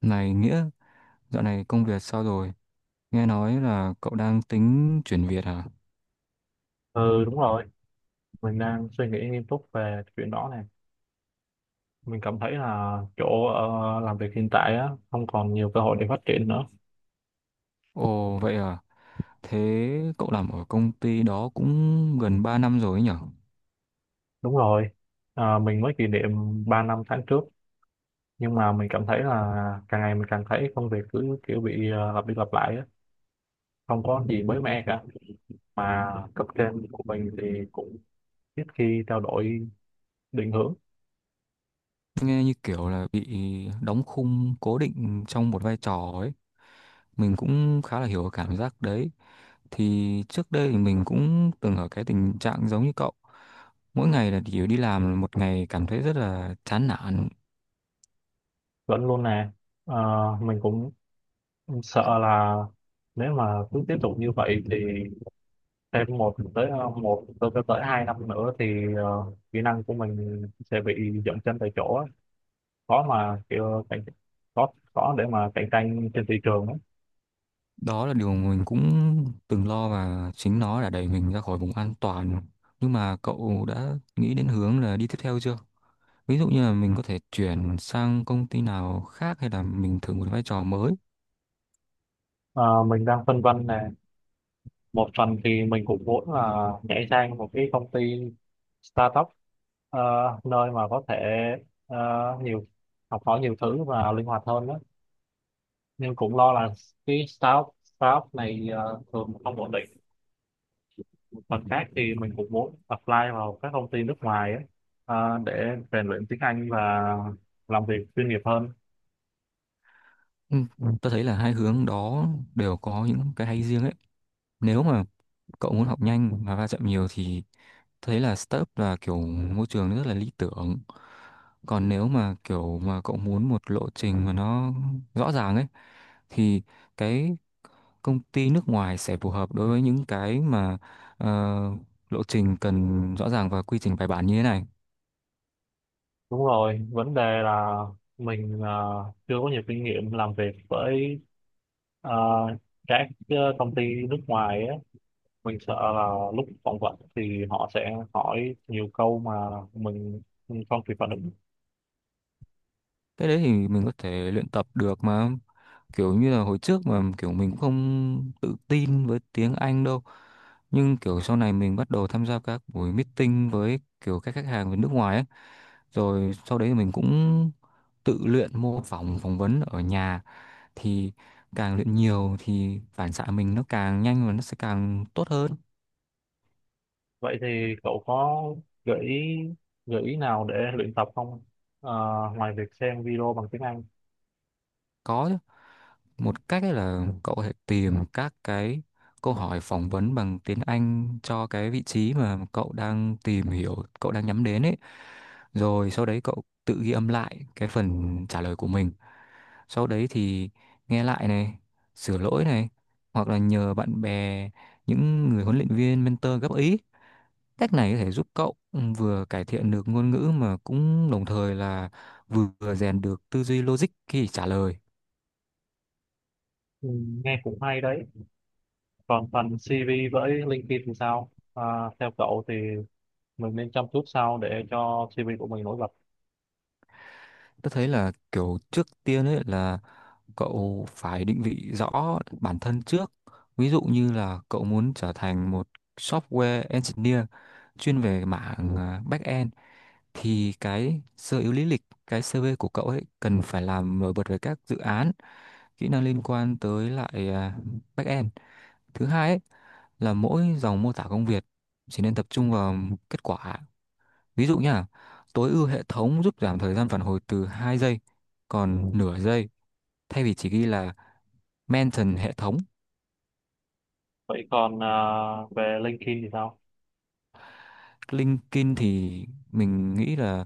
Này Nghĩa, dạo này công việc sao rồi? Nghe nói là cậu đang tính chuyển việc à? Ừ đúng rồi, mình đang suy nghĩ nghiêm túc về chuyện đó này. Mình cảm thấy là chỗ làm việc hiện tại á, không còn nhiều cơ hội để phát triển nữa. Ồ vậy à? Thế cậu làm ở công ty đó cũng gần 3 năm rồi ấy nhở? Đúng rồi. Mình mới kỷ niệm 3 năm tháng trước, nhưng mà mình cảm thấy là càng ngày mình càng thấy công việc cứ kiểu bị lặp đi lặp lại á, không có gì mới mẻ cả. Mà cấp trên của mình thì cũng ít khi trao đổi định hướng Nghe như kiểu là bị đóng khung cố định trong một vai trò ấy. Mình cũng khá là hiểu cái cảm giác đấy. Thì trước đây thì mình cũng từng ở cái tình trạng giống như cậu. Mỗi ngày là chỉ đi làm một ngày cảm thấy rất là chán nản. vẫn luôn nè. Ờ, mình cũng sợ là nếu mà cứ tiếp tục như vậy thì thêm một tới ờ, một tới tới tới hai năm nữa thì kỹ năng của mình sẽ bị dậm chân tại chỗ á. khó mà kiểu cạnh khó khó để mà cạnh tranh trên thị trường á. Đó là điều mình cũng từng lo và chính nó đã đẩy mình ra khỏi vùng an toàn. Nhưng mà cậu đã nghĩ đến hướng là đi tiếp theo chưa? Ví dụ như là mình có thể chuyển sang công ty nào khác hay là mình thử một vai trò mới. Ờ, mình đang phân vân nè. Một phần thì mình cũng muốn là nhảy sang một cái công ty startup, ờ, nơi mà có thể ờ, nhiều học hỏi nhiều thứ và linh hoạt hơn đó, nhưng cũng lo là cái startup startup này thường không ổn định. Mặt khác thì mình cũng muốn apply vào các công ty nước ngoài ấy, để rèn luyện tiếng Anh và làm việc chuyên nghiệp hơn. Ừ. Tôi thấy là hai hướng đó đều có những cái hay riêng ấy. Nếu mà cậu muốn học nhanh và va chạm nhiều thì tôi thấy là startup là kiểu môi trường rất là lý tưởng. Còn nếu mà kiểu mà cậu muốn một lộ trình mà nó rõ ràng ấy thì cái công ty nước ngoài sẽ phù hợp đối với những cái mà ờ, lộ trình cần rõ ràng và quy trình bài bản như thế này. Đúng rồi, vấn đề là mình chưa có nhiều kinh nghiệm làm việc với à, các công ty nước ngoài ấy. Mình sợ là lúc phỏng vấn thì họ sẽ hỏi nhiều câu mà mình không kịp phản ứng. Cái đấy thì mình có thể luyện tập được mà, kiểu như là hồi trước mà kiểu mình cũng không tự tin với tiếng Anh đâu, nhưng kiểu sau này mình bắt đầu tham gia các buổi meeting với kiểu các khách hàng ở nước ngoài ấy, rồi sau đấy mình cũng tự luyện mô phỏng phỏng vấn ở nhà, thì càng luyện nhiều thì phản xạ mình nó càng nhanh và nó sẽ càng tốt hơn. Vậy thì cậu có gợi ý gợi ý nào để luyện tập không? Ờ, Ngoài việc xem video bằng tiếng Anh. Có một cách ấy là cậu có thể tìm các cái câu hỏi phỏng vấn bằng tiếng Anh cho cái vị trí mà cậu đang tìm hiểu, cậu đang nhắm đến ấy. Rồi sau đấy cậu tự ghi âm lại cái phần trả lời của mình. Sau đấy thì nghe lại này, sửa lỗi này, hoặc là nhờ bạn bè, những người huấn luyện viên, mentor góp ý. Cách này có thể giúp cậu vừa cải thiện được ngôn ngữ mà cũng đồng thời là vừa rèn được tư duy logic khi trả lời. Ừ, nghe cũng hay đấy. Còn phần CV với LinkedIn thì sao? Theo cậu thì mình nên chăm chút sao để cho CV của mình nổi bật? Tôi thấy là kiểu trước tiên ấy là cậu phải định vị rõ bản thân trước. Ví dụ như là cậu muốn trở thành một software engineer chuyên về mảng back-end, thì cái sơ yếu lý lịch, cái CV của cậu ấy cần phải làm nổi bật về các dự án, kỹ năng liên quan tới lại back-end. Thứ hai ấy là mỗi dòng mô tả công việc chỉ nên tập trung vào kết quả. Ví dụ nhá, tối ưu hệ thống giúp giảm thời gian phản hồi từ 2 giây còn nửa giây. Thay vì chỉ ghi là mention hệ thống. Vậy còn về LinkedIn thì sao? LinkedIn thì mình nghĩ là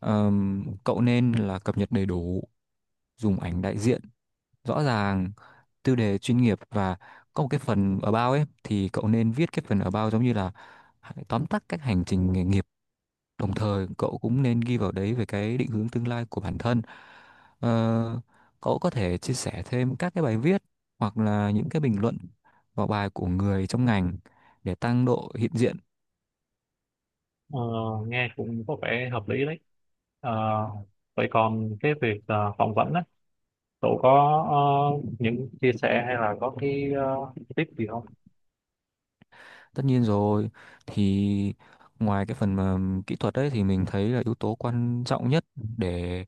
cậu nên là cập nhật đầy đủ, dùng ảnh đại diện rõ ràng, tiêu đề chuyên nghiệp và có một cái phần about ấy thì cậu nên viết cái phần about giống như là tóm tắt các hành trình nghề nghiệp. Đồng thời cậu cũng nên ghi vào đấy về cái định hướng tương lai của bản thân. Ờ, Cậu có thể chia sẻ thêm các cái bài viết hoặc là những cái bình luận vào bài của người trong ngành để tăng độ hiện diện. Ờ, Nghe cũng có vẻ hợp lý đấy. Ờ, Vậy còn cái việc phỏng vấn á, cậu có những chia sẻ hay là có cái tip gì không? Tất nhiên rồi, thì ngoài cái phần mà kỹ thuật đấy thì mình thấy là yếu tố quan trọng nhất để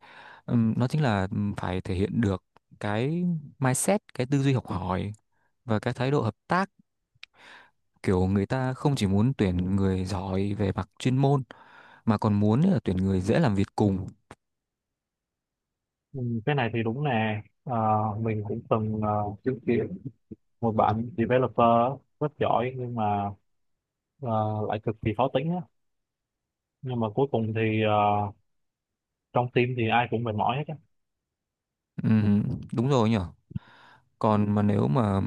nó chính là phải thể hiện được cái mindset, cái tư duy học hỏi và cái thái độ hợp tác. Kiểu người ta không chỉ muốn tuyển người giỏi về mặt chuyên môn mà còn muốn là tuyển người dễ làm việc cùng. Ừ, cái này thì đúng nè. Ờ, mình cũng từng chứng kiến một bạn developer rất giỏi nhưng mà ờ, lại cực kỳ khó tính á, nhưng mà cuối cùng thì trong team thì ai cũng mệt mỏi hết á. Ừ, đúng rồi nhở, còn mà nếu mà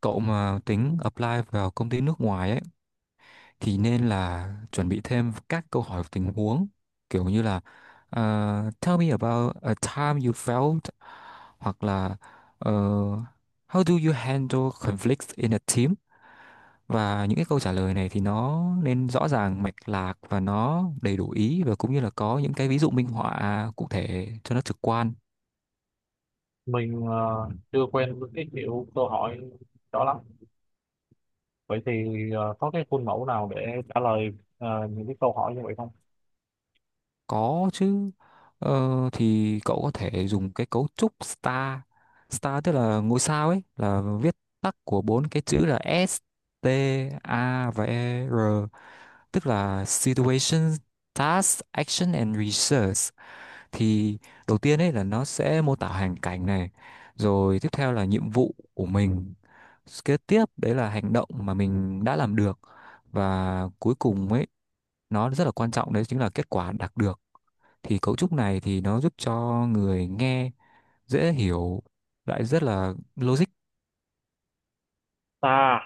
cậu mà tính apply vào công ty nước ngoài ấy thì nên là chuẩn bị thêm các câu hỏi tình huống kiểu như là tell me about a time you felt, hoặc là ờ, how do you handle conflicts in a team. Và những cái câu trả lời này thì nó nên rõ ràng mạch lạc và nó đầy đủ ý và cũng như là có những cái ví dụ minh họa cụ thể cho nó trực quan. Mình chưa quen với cái kiểu câu hỏi đó lắm. Vậy thì có cái khuôn mẫu nào để trả lời những cái câu hỏi như vậy không? Có chứ. Thì cậu có thể dùng cái cấu trúc star. Star tức là ngôi sao ấy, là viết tắt của bốn cái chữ là S, T, A và E, R, tức là situation, task, action and research. Thì đầu tiên ấy là nó sẽ mô tả hoàn cảnh này, rồi tiếp theo là nhiệm vụ của mình, kế tiếp đấy là hành động mà mình đã làm được, và cuối cùng ấy nó rất là quan trọng đấy chính là kết quả đạt được. Thì cấu trúc này thì nó giúp cho người nghe dễ hiểu, lại rất là logic. Ta,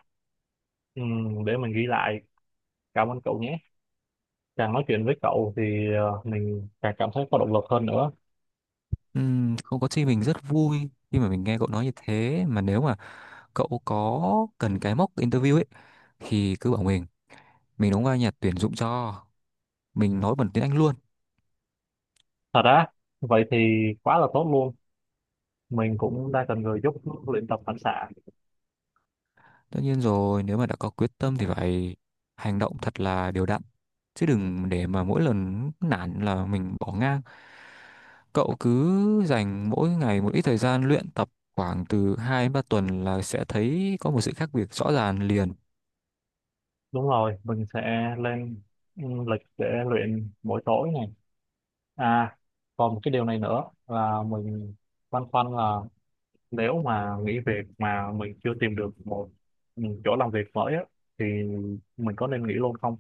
để mình ghi lại. Cảm ơn cậu nhé. Càng nói chuyện với cậu thì mình càng cảm thấy có động lực hơn nữa. Không có chi, mình rất vui khi mà mình nghe cậu nói như thế, mà nếu mà cậu có cần cái mock interview ấy thì cứ bảo mình đóng vai nhà tuyển dụng cho, mình nói bằng tiếng Anh luôn. Thật á? Vậy thì quá là tốt luôn. Mình cũng đang cần người giúp luyện tập phản xạ. Tất nhiên rồi, nếu mà đã có quyết tâm thì phải hành động thật là đều đặn. Chứ đừng để mà mỗi lần nản là mình bỏ ngang. Cậu cứ dành mỗi ngày một ít thời gian luyện tập khoảng từ 2 đến 3 tuần là sẽ thấy có một sự khác biệt rõ ràng liền. Đúng rồi, mình sẽ lên lịch để luyện mỗi tối này. À, còn một cái điều này nữa là mình băn khoăn là, nếu mà nghỉ việc mà mình chưa tìm được một chỗ làm việc mới á, thì mình có nên nghỉ luôn không?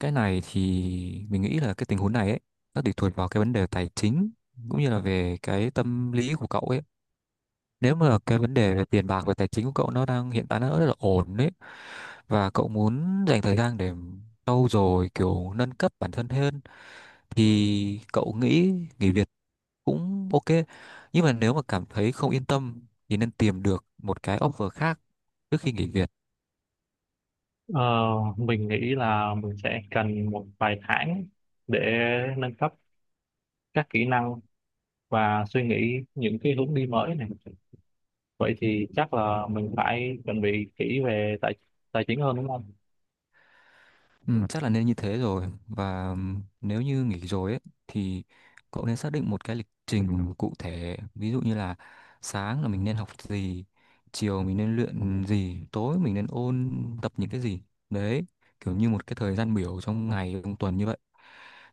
Cái này thì mình nghĩ là cái tình huống này ấy, nó tùy thuộc vào cái vấn đề tài chính cũng như là về cái tâm lý của cậu ấy. Nếu mà cái vấn đề về tiền bạc và tài chính của cậu nó đang hiện tại nó rất là ổn đấy và cậu muốn dành thời gian để trau dồi kiểu nâng cấp bản thân hơn thì cậu nghĩ nghỉ việc cũng ok, nhưng mà nếu mà cảm thấy không yên tâm thì nên tìm được một cái offer khác trước khi nghỉ việc. Ờ, mình nghĩ là mình sẽ cần một vài tháng để nâng cấp các kỹ năng và suy nghĩ những cái hướng đi mới này. Vậy thì chắc là mình phải chuẩn bị kỹ về tài tài chính hơn đúng không? Ừ, chắc là nên như thế rồi và nếu như nghỉ rồi ấy thì cậu nên xác định một cái lịch trình cụ thể ví dụ như là sáng là mình nên học gì, chiều mình nên luyện gì, tối mình nên ôn tập những cái gì đấy, kiểu như một cái thời gian biểu trong ngày trong tuần như vậy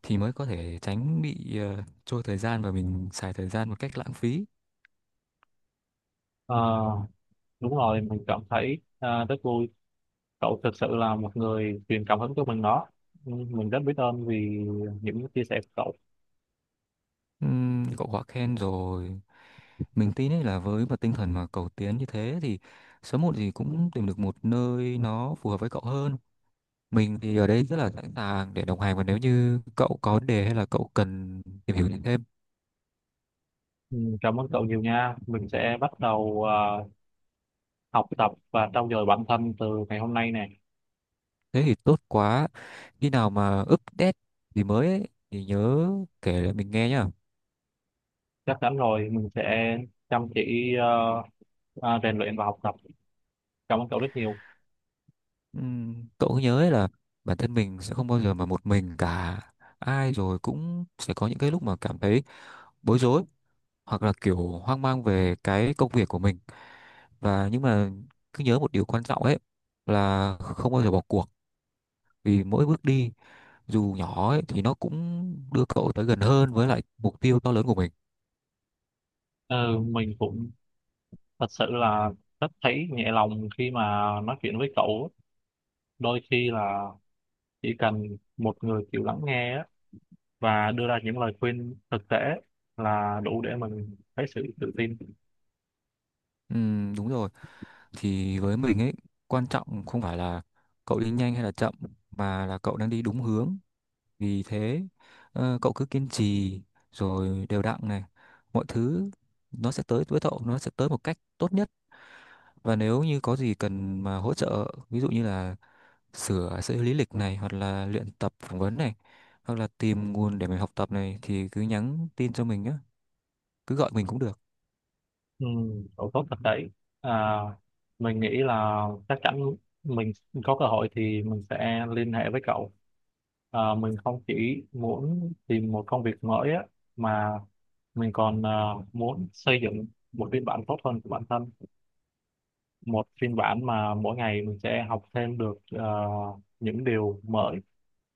thì mới có thể tránh bị trôi thời gian và mình xài thời gian một cách lãng phí. Ờ, Đúng rồi, mình cảm thấy rất vui. Cậu thực sự là một người truyền cảm hứng cho mình đó. Ừ, mình rất biết ơn vì những chia sẻ của cậu. Cậu quá khen rồi, mình tin ấy là với một tinh thần mà cầu tiến như thế thì sớm muộn gì cũng tìm được một nơi nó phù hợp với cậu hơn. Mình thì ở đây rất là sẵn sàng để đồng hành và nếu như cậu có vấn đề hay là cậu cần tìm hiểu thêm. Ừ, cảm ơn cậu nhiều nha. Mình sẽ bắt đầu học tập và trau dồi bản thân từ ngày hôm nay nè. Thế thì tốt quá, khi nào mà update gì mới ấy, thì nhớ kể lại mình nghe nhá. Chắc chắn rồi, mình sẽ chăm chỉ rèn luyện và học tập. Cảm ơn cậu rất nhiều. Cậu cứ nhớ ấy là bản thân mình sẽ không bao giờ mà một mình cả, ai rồi cũng sẽ có những cái lúc mà cảm thấy bối rối hoặc là kiểu hoang mang về cái công việc của mình, và nhưng mà cứ nhớ một điều quan trọng ấy là không bao giờ bỏ cuộc, vì mỗi bước đi dù nhỏ ấy, thì nó cũng đưa cậu tới gần hơn với lại mục tiêu to lớn của mình. Ừ, mình cũng thật sự là rất thấy nhẹ lòng khi mà nói chuyện với cậu. Đôi khi là chỉ cần một người chịu lắng nghe á, và đưa ra những lời khuyên thực tế là đủ để mình thấy sự tự tin. Đúng rồi, thì với mình ấy quan trọng không phải là cậu đi nhanh hay là chậm mà là cậu đang đi đúng hướng. Vì thế cậu cứ kiên trì rồi đều đặn này, mọi thứ nó sẽ tới với cậu, nó sẽ tới một cách tốt nhất. Và nếu như có gì cần mà hỗ trợ, ví dụ như là sửa sửa lý lịch này, hoặc là luyện tập phỏng vấn này hoặc là tìm nguồn để mình học tập này thì cứ nhắn tin cho mình nhé, cứ gọi mình cũng được. Ừ, độ tốt thật đấy. à, mình nghĩ là chắc chắn mình có cơ hội thì mình sẽ liên hệ với cậu. Mình không chỉ muốn tìm một công việc mới á, mà mình còn muốn xây dựng một phiên bản tốt hơn của bản thân, một phiên bản mà mỗi ngày mình sẽ học thêm được những điều mới,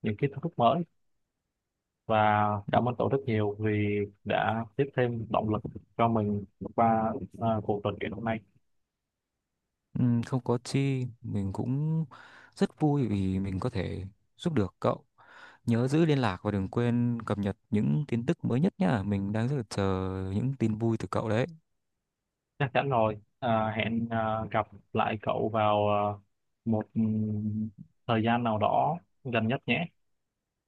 những kiến thức mới. Và cảm ơn cậu rất nhiều vì đã tiếp thêm động lực cho mình qua cuộc trò chuyện hôm nay. Không có chi, mình cũng rất vui vì mình có thể giúp được cậu. Nhớ giữ liên lạc và đừng quên cập nhật những tin tức mới nhất nhá. Mình đang rất là chờ những tin vui từ cậu đấy. Chắc chắn rồi, hẹn gặp lại cậu vào một thời gian nào đó gần nhất nhé.